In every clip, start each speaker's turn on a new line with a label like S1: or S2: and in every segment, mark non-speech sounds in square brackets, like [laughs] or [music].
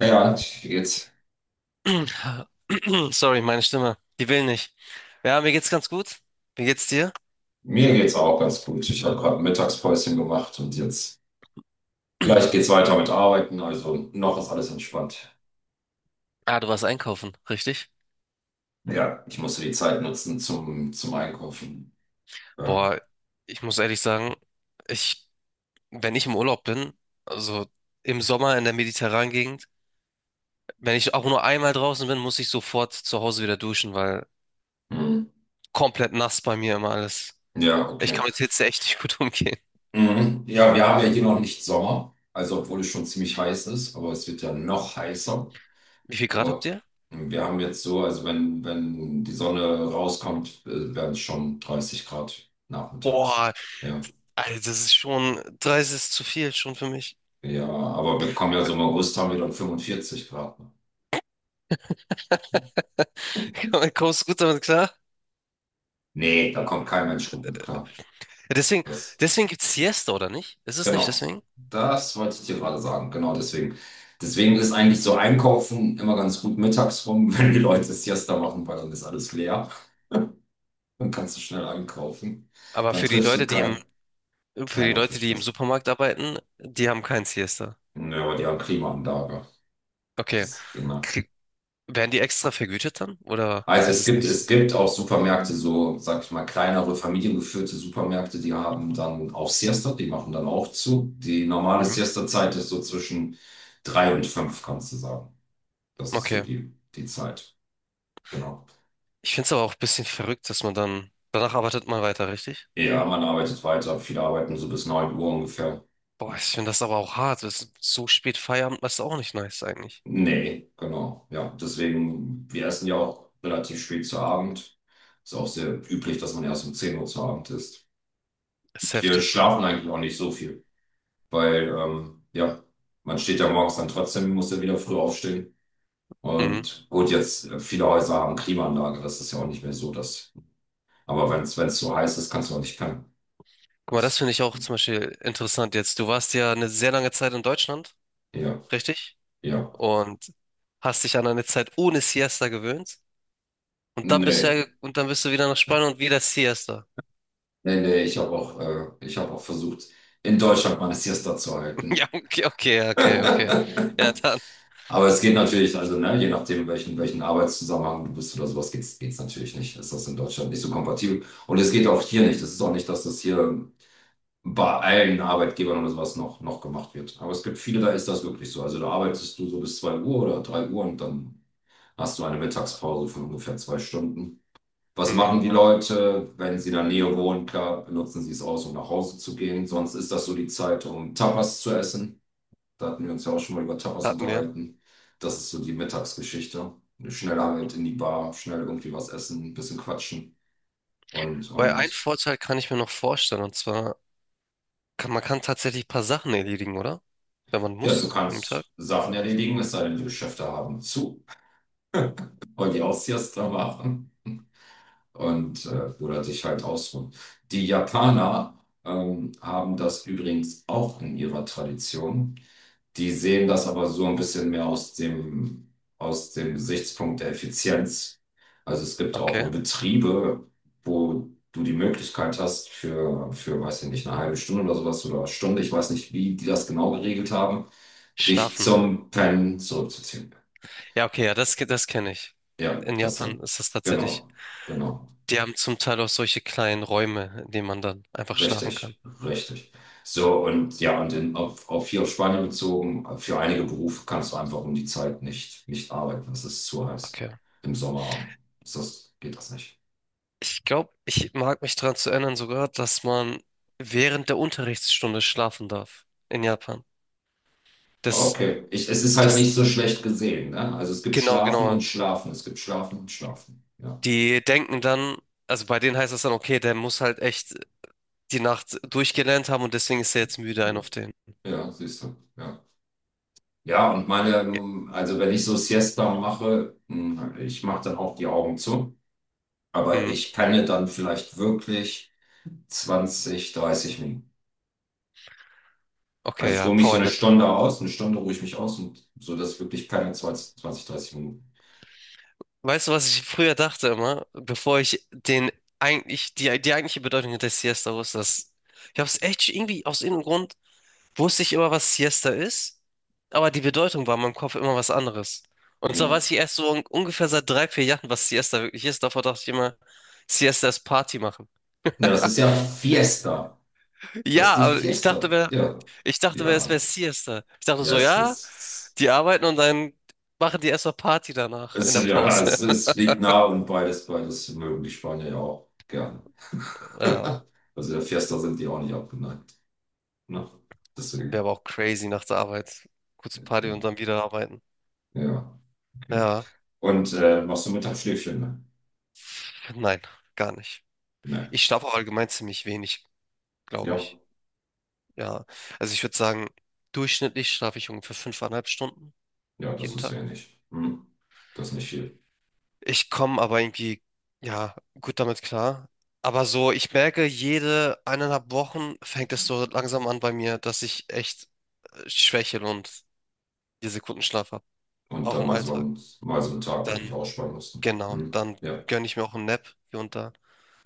S1: Ja, jetzt,
S2: [clears throat] Sorry, meine Stimme. Die will nicht. Ja, mir geht's ganz gut. Wie geht's dir?
S1: mir geht's auch ganz gut. Ich habe gerade ein Mittagspäuschen gemacht und jetzt gleich geht's
S2: [clears throat]
S1: weiter mit Arbeiten. Also noch ist alles entspannt.
S2: Ah, du warst einkaufen, richtig?
S1: Ja, ich musste die Zeit nutzen zum Einkaufen. Ja,
S2: Boah, ich muss ehrlich sagen, ich, wenn ich im Urlaub bin, also im Sommer in der mediterranen Gegend, wenn ich auch nur einmal draußen bin, muss ich sofort zu Hause wieder duschen, weil
S1: mhm.
S2: komplett nass bei mir immer alles.
S1: Ja,
S2: Ich
S1: okay.
S2: kann mit Hitze echt nicht gut [laughs] umgehen.
S1: Mhm. Ja, wir haben ja hier noch nicht Sommer, also obwohl es schon ziemlich heiß ist, aber es wird ja noch heißer.
S2: Wie viel Grad
S1: Oh,
S2: habt ihr?
S1: wir haben jetzt so, also wenn die Sonne rauskommt, werden es schon 30 Grad nachmittags.
S2: Boah,
S1: Ja.
S2: Alter, das ist schon, 30 ist zu viel schon für mich.
S1: Ja, aber wir kommen ja so im August haben wir dann 45 Grad. Ne?
S2: [laughs] Kommst du gut damit klar?
S1: Nee, da kommt kein Mensch gut mit klar.
S2: Ja, deswegen,
S1: Das,
S2: deswegen gibt's Siesta, oder nicht? Ist es nicht
S1: genau.
S2: deswegen?
S1: Das wollte ich dir gerade sagen. Genau deswegen. Deswegen ist eigentlich so Einkaufen immer ganz gut mittags rum, [laughs] wenn die Leute Siesta machen, weil dann ist alles leer. Dann kannst du schnell einkaufen.
S2: Aber
S1: Dann
S2: für die
S1: triffst du
S2: Leute,
S1: keinen,
S2: für
S1: keinen
S2: die
S1: auf der
S2: Leute, die im
S1: Straße.
S2: Supermarkt arbeiten, die haben kein Siesta.
S1: Ja, aber die haben Klimaanlage.
S2: Okay.
S1: Das, genau.
S2: Krieg, werden die extra vergütet dann? Oder
S1: Also
S2: ist
S1: es
S2: es
S1: gibt,
S2: nicht so?
S1: es gibt auch Supermärkte, so, sag ich mal, kleinere, familiengeführte Supermärkte, die haben dann auch Siesta, die machen dann auch zu. Die normale
S2: Mhm.
S1: Siesta-Zeit ist so zwischen drei und fünf, kannst du sagen. Das ist so
S2: Okay.
S1: die Zeit. Genau.
S2: Ich finde es aber auch ein bisschen verrückt, dass man dann, danach arbeitet man weiter, richtig?
S1: Ja, man arbeitet weiter, viele arbeiten so bis 9 Uhr ungefähr.
S2: Boah, ich finde das aber auch hart. Das ist so spät Feierabend, das ist auch nicht nice eigentlich.
S1: Nee, genau. Ja, deswegen, wir essen ja auch relativ spät zu Abend. Ist auch sehr üblich, dass man erst um 10 Uhr zu Abend isst.
S2: Das ist
S1: Wir
S2: heftig.
S1: schlafen eigentlich auch nicht so viel, weil ja, man steht ja morgens dann trotzdem, muss ja wieder früh aufstehen.
S2: Mhm.
S1: Und gut, jetzt viele Häuser haben Klimaanlage, das ist ja auch nicht mehr so, dass. Aber wenn es so heiß ist, kannst du auch nicht pennen.
S2: Guck mal, das
S1: Das,
S2: finde ich auch zum Beispiel interessant jetzt. Du warst ja eine sehr lange Zeit in Deutschland,
S1: ja,
S2: richtig?
S1: ja.
S2: Und hast dich an eine Zeit ohne Siesta gewöhnt. Und dann
S1: Nee,
S2: bist du wieder nach Spanien und wieder Siesta.
S1: nee, nee, ich habe auch versucht, in Deutschland meine Siesta zu
S2: [laughs] Ja,
S1: halten.
S2: okay, okay, ja, okay, okay.
S1: [laughs]
S2: Ja, dann
S1: Aber es geht natürlich, also ne, je nachdem, welchen Arbeitszusammenhang du bist oder sowas, geht's natürlich nicht. Ist das in Deutschland nicht so kompatibel? Und es geht auch hier nicht. Es ist auch nicht, dass das hier bei allen Arbeitgebern oder sowas noch gemacht wird. Aber es gibt viele, da ist das wirklich so. Also da arbeitest du so bis 2 Uhr oder 3 Uhr und dann hast du eine Mittagspause von ungefähr 2 Stunden. Was
S2: mhm,
S1: machen die Leute, wenn sie in der Nähe wohnen? Klar, benutzen sie es aus, um nach Hause zu gehen. Sonst ist das so die Zeit, um Tapas zu essen. Da hatten wir uns ja auch schon mal über Tapas
S2: hatten wir.
S1: unterhalten. Das ist so die Mittagsgeschichte. Schnell halt in die Bar, schnell irgendwie was essen, ein bisschen quatschen. Und,
S2: Weil ein
S1: und
S2: Vorteil kann ich mir noch vorstellen, und zwar kann tatsächlich ein paar Sachen erledigen, oder? Wenn man
S1: ja, du
S2: muss an dem Tag.
S1: kannst Sachen erledigen, es sei denn, die Geschäfte haben zu. Weil die Austrias da waren und oder sich halt ausruhen. Die Japaner haben das übrigens auch in ihrer Tradition. Die sehen das aber so ein bisschen mehr aus dem Gesichtspunkt der Effizienz. Also es gibt auch in
S2: Okay.
S1: Betriebe, wo du die Möglichkeit hast weiß ich nicht, eine halbe Stunde oder sowas oder Stunde, ich weiß nicht, wie die das genau geregelt haben, dich
S2: Schlafen.
S1: zum Pennen zurückzuziehen.
S2: Ja, okay, ja, das kenne ich.
S1: Ja,
S2: In Japan ist das tatsächlich.
S1: genau, genau,
S2: Die haben zum Teil auch solche kleinen Räume, in denen man dann einfach schlafen kann.
S1: richtig, richtig. So, und ja, und auf hier auf Spanien bezogen, für einige Berufe kannst du einfach um die Zeit nicht arbeiten. Es ist zu heiß.
S2: Okay.
S1: Im Sommer geht das nicht.
S2: Ich glaube, ich mag mich daran zu erinnern sogar, dass man während der Unterrichtsstunde schlafen darf in Japan. Das,
S1: Okay, ich, es ist halt
S2: das,
S1: nicht so schlecht gesehen, ne? Also es gibt
S2: genau,
S1: Schlafen und
S2: genau.
S1: Schlafen, es gibt Schlafen und Schlafen. Ja,
S2: Die denken dann, also bei denen heißt das dann, okay, der muss halt echt die Nacht durchgelernt haben und deswegen ist er jetzt müde, ein auf den.
S1: ja, siehst du, ja. Ja, und meine,
S2: Ja.
S1: also wenn ich so Siesta mache, mh, ich mache dann auch die Augen zu. Aber
S2: Mhm.
S1: ich penne dann vielleicht wirklich 20 30 Minuten. Also
S2: Okay,
S1: ich
S2: ja,
S1: ruhe mich so eine
S2: Powernap.
S1: Stunde aus, eine Stunde ruhe ich mich aus und so, dass ich wirklich penne zwanzig dreißig Minuten.
S2: Weißt du, was ich früher dachte immer, bevor ich den eigentlich, die eigentliche Bedeutung der Siesta wusste, dass ich habe es echt irgendwie aus irgendeinem Grund wusste ich immer, was Siesta ist, aber die Bedeutung war in meinem Kopf immer was anderes. Und zwar
S1: Ja.
S2: weiß ich erst so un ungefähr seit 3, 4 Jahren, was Siesta wirklich ist. Davor dachte ich immer, Siesta ist Party machen.
S1: Ja, das ist ja Fiesta. Das ist
S2: Ja,
S1: die
S2: aber ich dachte
S1: Fiesta.
S2: mir,
S1: Ja.
S2: es wäre
S1: Ja.
S2: Siesta. Ich dachte
S1: Ja,
S2: so, ja, die arbeiten und dann machen die erstmal Party danach in
S1: es,
S2: der
S1: ist- ja,
S2: Pause.
S1: es,
S2: [laughs]
S1: es liegt nah und beides, beides mögen die Spanier ja auch gerne.
S2: Ja,
S1: [laughs] Also der Fiesta sind die auch nicht abgeneigt. Ne?
S2: wäre
S1: Deswegen,
S2: aber auch crazy nach der Arbeit. Kurz Party und dann wieder arbeiten.
S1: ja, okay.
S2: Ja,
S1: Und machst du Mittagsschläfchen, ne?
S2: nein, gar nicht.
S1: Ne.
S2: Ich schlafe auch allgemein ziemlich wenig, glaube
S1: Ja.
S2: ich. Ja, also ich würde sagen, durchschnittlich schlafe ich ungefähr 5,5 Stunden
S1: Ja, das
S2: jeden
S1: ist
S2: Tag.
S1: wenig. Hm. Das ist nicht viel.
S2: Ich komme aber irgendwie, ja, gut damit klar. Aber so, ich merke, jede 1,5 Wochen fängt es so langsam an bei mir, dass ich echt schwächel und 4 Sekunden Schlaf habe,
S1: Und
S2: auch
S1: dann
S2: im Alltag.
S1: mal so einen Tag wirklich
S2: Dann,
S1: ausspannen mussten.
S2: genau,
S1: Hm.
S2: dann
S1: Ja,
S2: gönne ich mir auch einen Nap hier und da,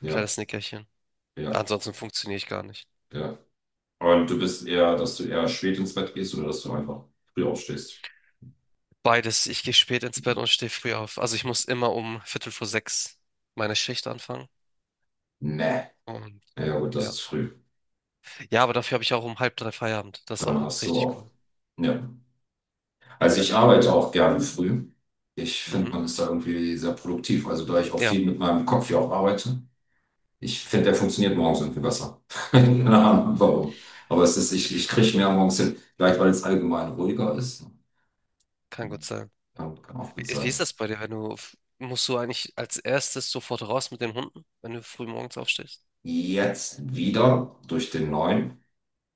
S1: ja,
S2: kleines Nickerchen.
S1: ja,
S2: Ansonsten funktioniere ich gar nicht.
S1: ja. Und du bist eher, dass du eher spät ins Bett gehst oder dass du einfach früh aufstehst?
S2: Beides, ich gehe spät ins Bett und stehe früh auf. Also ich muss immer um Viertel vor sechs meine Schicht anfangen.
S1: Nee.
S2: Und
S1: Ja, ja, gut, das
S2: ja.
S1: ist früh.
S2: Ja, aber dafür habe ich auch um halb drei Feierabend. Das ist
S1: Dann
S2: auch
S1: hast du
S2: richtig
S1: auch.
S2: cool.
S1: Ja. Also ich arbeite auch gerne früh. Ich finde,
S2: Mhm.
S1: man ist da irgendwie sehr produktiv. Also da ich auch
S2: Ja,
S1: viel mit meinem Kopf ja auch arbeite, ich finde, der funktioniert morgens irgendwie besser. [laughs] Keine Ahnung, warum. Aber es ist, ich,
S2: f-
S1: ich kriege mehr morgens hin. Vielleicht, weil es allgemein ruhiger ist.
S2: kann gut sein.
S1: Ja, kann auch gut
S2: Wie ist
S1: sein.
S2: das bei dir, wenn du, f- musst du eigentlich als erstes sofort raus mit den Hunden, wenn du früh morgens aufstehst?
S1: Jetzt wieder durch den neuen.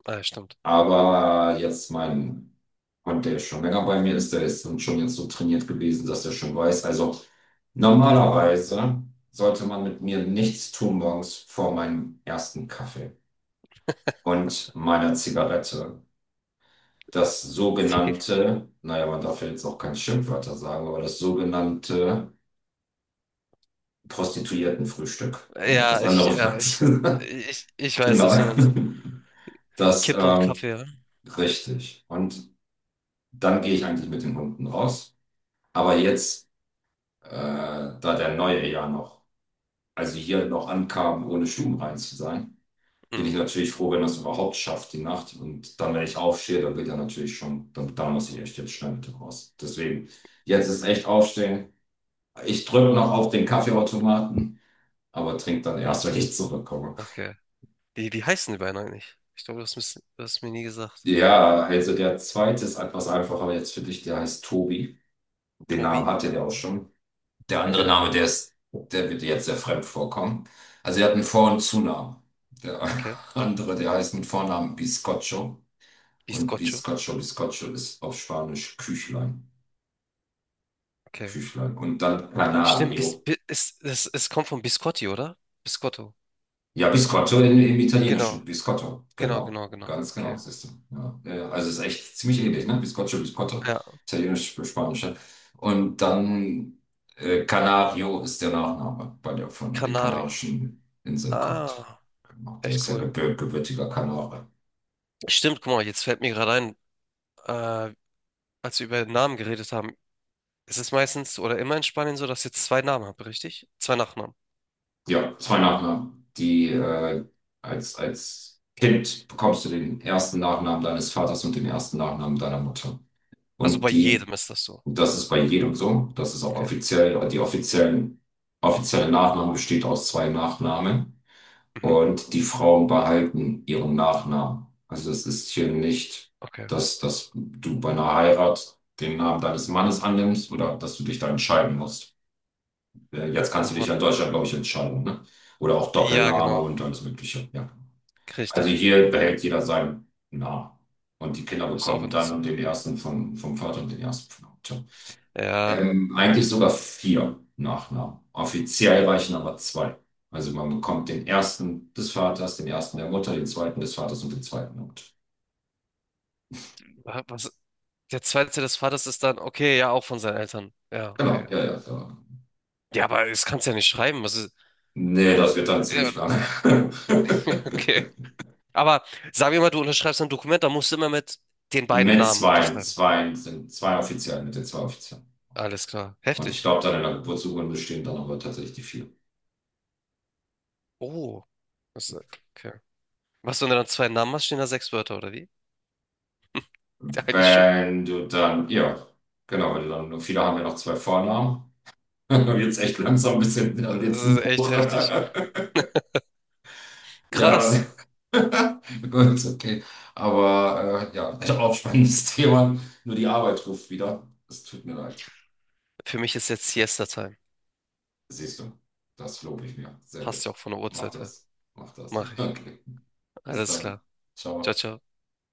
S2: Ah, ja, stimmt.
S1: Aber jetzt mein Hund, der schon länger bei mir ist, der ist dann schon jetzt so trainiert gewesen, dass er schon weiß. Also normalerweise sollte man mit mir nichts tun morgens vor meinem ersten Kaffee und meiner Zigarette. Das
S2: [laughs]
S1: sogenannte, naja, man darf ja jetzt auch keine Schimpfwörter sagen, aber das sogenannte Prostituiertenfrühstück, um nicht das
S2: Ja,
S1: andere Wort zu sagen. [laughs]
S2: ich weiß,
S1: Genau.
S2: was du meinst.
S1: Das,
S2: Kippe und
S1: ähm,
S2: Kaffee, ja?
S1: Richtig. Und dann gehe ich eigentlich mit den Hunden raus. Aber jetzt, da der Neue ja noch, also hier noch ankam, ohne stubenrein zu sein, bin ich
S2: Mhm.
S1: natürlich froh, wenn das überhaupt schafft, die Nacht. Und dann, wenn ich aufstehe, dann wird ja natürlich schon, dann muss ich echt jetzt schnell mit raus. Deswegen, jetzt ist echt aufstehen. Ich drücke noch auf den Kaffeeautomaten, aber trinke dann erst, wenn ich zurückkomme.
S2: Okay. Wie heißen die beiden eigentlich? Ich glaube, du hast mir nie gesagt.
S1: Ja, also der zweite ist etwas einfacher jetzt für dich, der heißt Tobi. Den Namen
S2: Tobi?
S1: hatte der auch
S2: Mhm.
S1: schon. Der andere
S2: Okay,
S1: Name, der ist, der wird dir jetzt sehr fremd vorkommen. Also er hat einen Vor- und Zunamen. Der
S2: okay.
S1: [laughs] andere, der heißt mit Vornamen Biscocho. Und
S2: Biscotto?
S1: Biscocho, Biscocho ist auf Spanisch Küchlein.
S2: Okay.
S1: Küchlein. Und dann
S2: Stimmt, bis,
S1: Canario.
S2: bis, es, es, es kommt von Biscotti, oder? Biscotto.
S1: Ja, Biscotto in, im
S2: Genau.
S1: Italienischen. Biscotto,
S2: Genau,
S1: genau.
S2: genau, genau.
S1: Ganz
S2: Okay.
S1: genau, siehst du. Ja, ja, ja. Also es ist echt ziemlich ähnlich, ne? Biscotto, Biscotto.
S2: Ja,
S1: Italienisch für Spanische. Und dann Canario ist der Nachname, weil der von den
S2: Canario.
S1: Kanarischen Inseln kommt.
S2: Ah,
S1: Genau, der
S2: echt
S1: ist ja
S2: cool.
S1: gebürtiger Kanare.
S2: Stimmt, guck mal, jetzt fällt mir gerade ein, äh, als wir über Namen geredet haben, es ist meistens oder immer in Spanien so, dass ihr zwei Namen habt, richtig? Zwei Nachnamen.
S1: Ja, zwei Nachnamen. Die als Kind bekommst du den ersten Nachnamen deines Vaters und den ersten Nachnamen deiner Mutter.
S2: Also bei
S1: Und die
S2: jedem ist das so.
S1: Und das ist bei jedem so. Das ist auch
S2: Okay.
S1: offiziell, offizielle Nachname besteht aus zwei Nachnamen.
S2: Mhm.
S1: Und die Frauen behalten ihren Nachnamen. Also das ist hier nicht,
S2: Okay.
S1: dass du bei einer Heirat den Namen deines Mannes annimmst oder dass du dich da entscheiden musst. Jetzt
S2: Oh
S1: kannst du dich ja
S2: Mann.
S1: in Deutschland, glaube ich, entscheiden, ne? Oder auch
S2: Ja,
S1: Doppelname
S2: genau.
S1: und alles Mögliche, ja. Also
S2: Richtig.
S1: hier
S2: Ja,
S1: behält jeder seinen Namen. Und die Kinder
S2: ist auch
S1: bekommen dann
S2: interessant.
S1: den ersten vom Vater und den ersten von der Mutter.
S2: Ja,
S1: Eigentlich sogar vier Nachnamen. Offiziell reichen aber zwei. Also man bekommt den ersten des Vaters, den ersten der Mutter, den zweiten des Vaters und den zweiten der Mutter.
S2: wa- was, der zweite des Vaters ist dann, okay, ja, auch von seinen Eltern. Ja,
S1: Genau,
S2: okay.
S1: ja, ja, ja.
S2: Ja, aber es kannst ja nicht schreiben. Was ist,
S1: Nee, das wird dann
S2: ja,
S1: ziemlich lang. [laughs]
S2: [laughs] okay. Aber sagen wir mal, du unterschreibst ein Dokument, da musst du immer mit den beiden
S1: Mit
S2: Namen
S1: zwei,
S2: unterschreiben.
S1: zwei sind zwei offiziell, mit den zwei offiziellen.
S2: Alles klar.
S1: Und ich
S2: Heftig.
S1: glaube, dann in der Geburtsurkunde stehen dann aber tatsächlich die vier.
S2: Oh. Das, okay. Was, wenn du dann zwei Namen hast, stehen da sechs Wörter, oder wie? [laughs] Eigentlich schon.
S1: Wenn du dann, ja, genau, wenn du dann, viele haben ja noch zwei Vornamen. [laughs] Dann wird's echt langsam ein bisschen, dann
S2: Das
S1: wird's ein
S2: ist echt
S1: Buch.
S2: heftig.
S1: [laughs] Ja, [laughs]
S2: Krass.
S1: gut, okay. Aber ja, [laughs] auch spannendes Thema. Nur die Arbeit ruft wieder. Es tut mir leid.
S2: Für mich ist jetzt Siesta-Time.
S1: Siehst du, das lobe ich mir. Sehr gut.
S2: Passt ja auch von der
S1: Mach
S2: Uhrzeit her.
S1: das. Mach das.
S2: Mach
S1: [laughs]
S2: ich.
S1: Okay. Bis
S2: Alles
S1: dann.
S2: klar. Ciao,
S1: Ciao.
S2: ciao.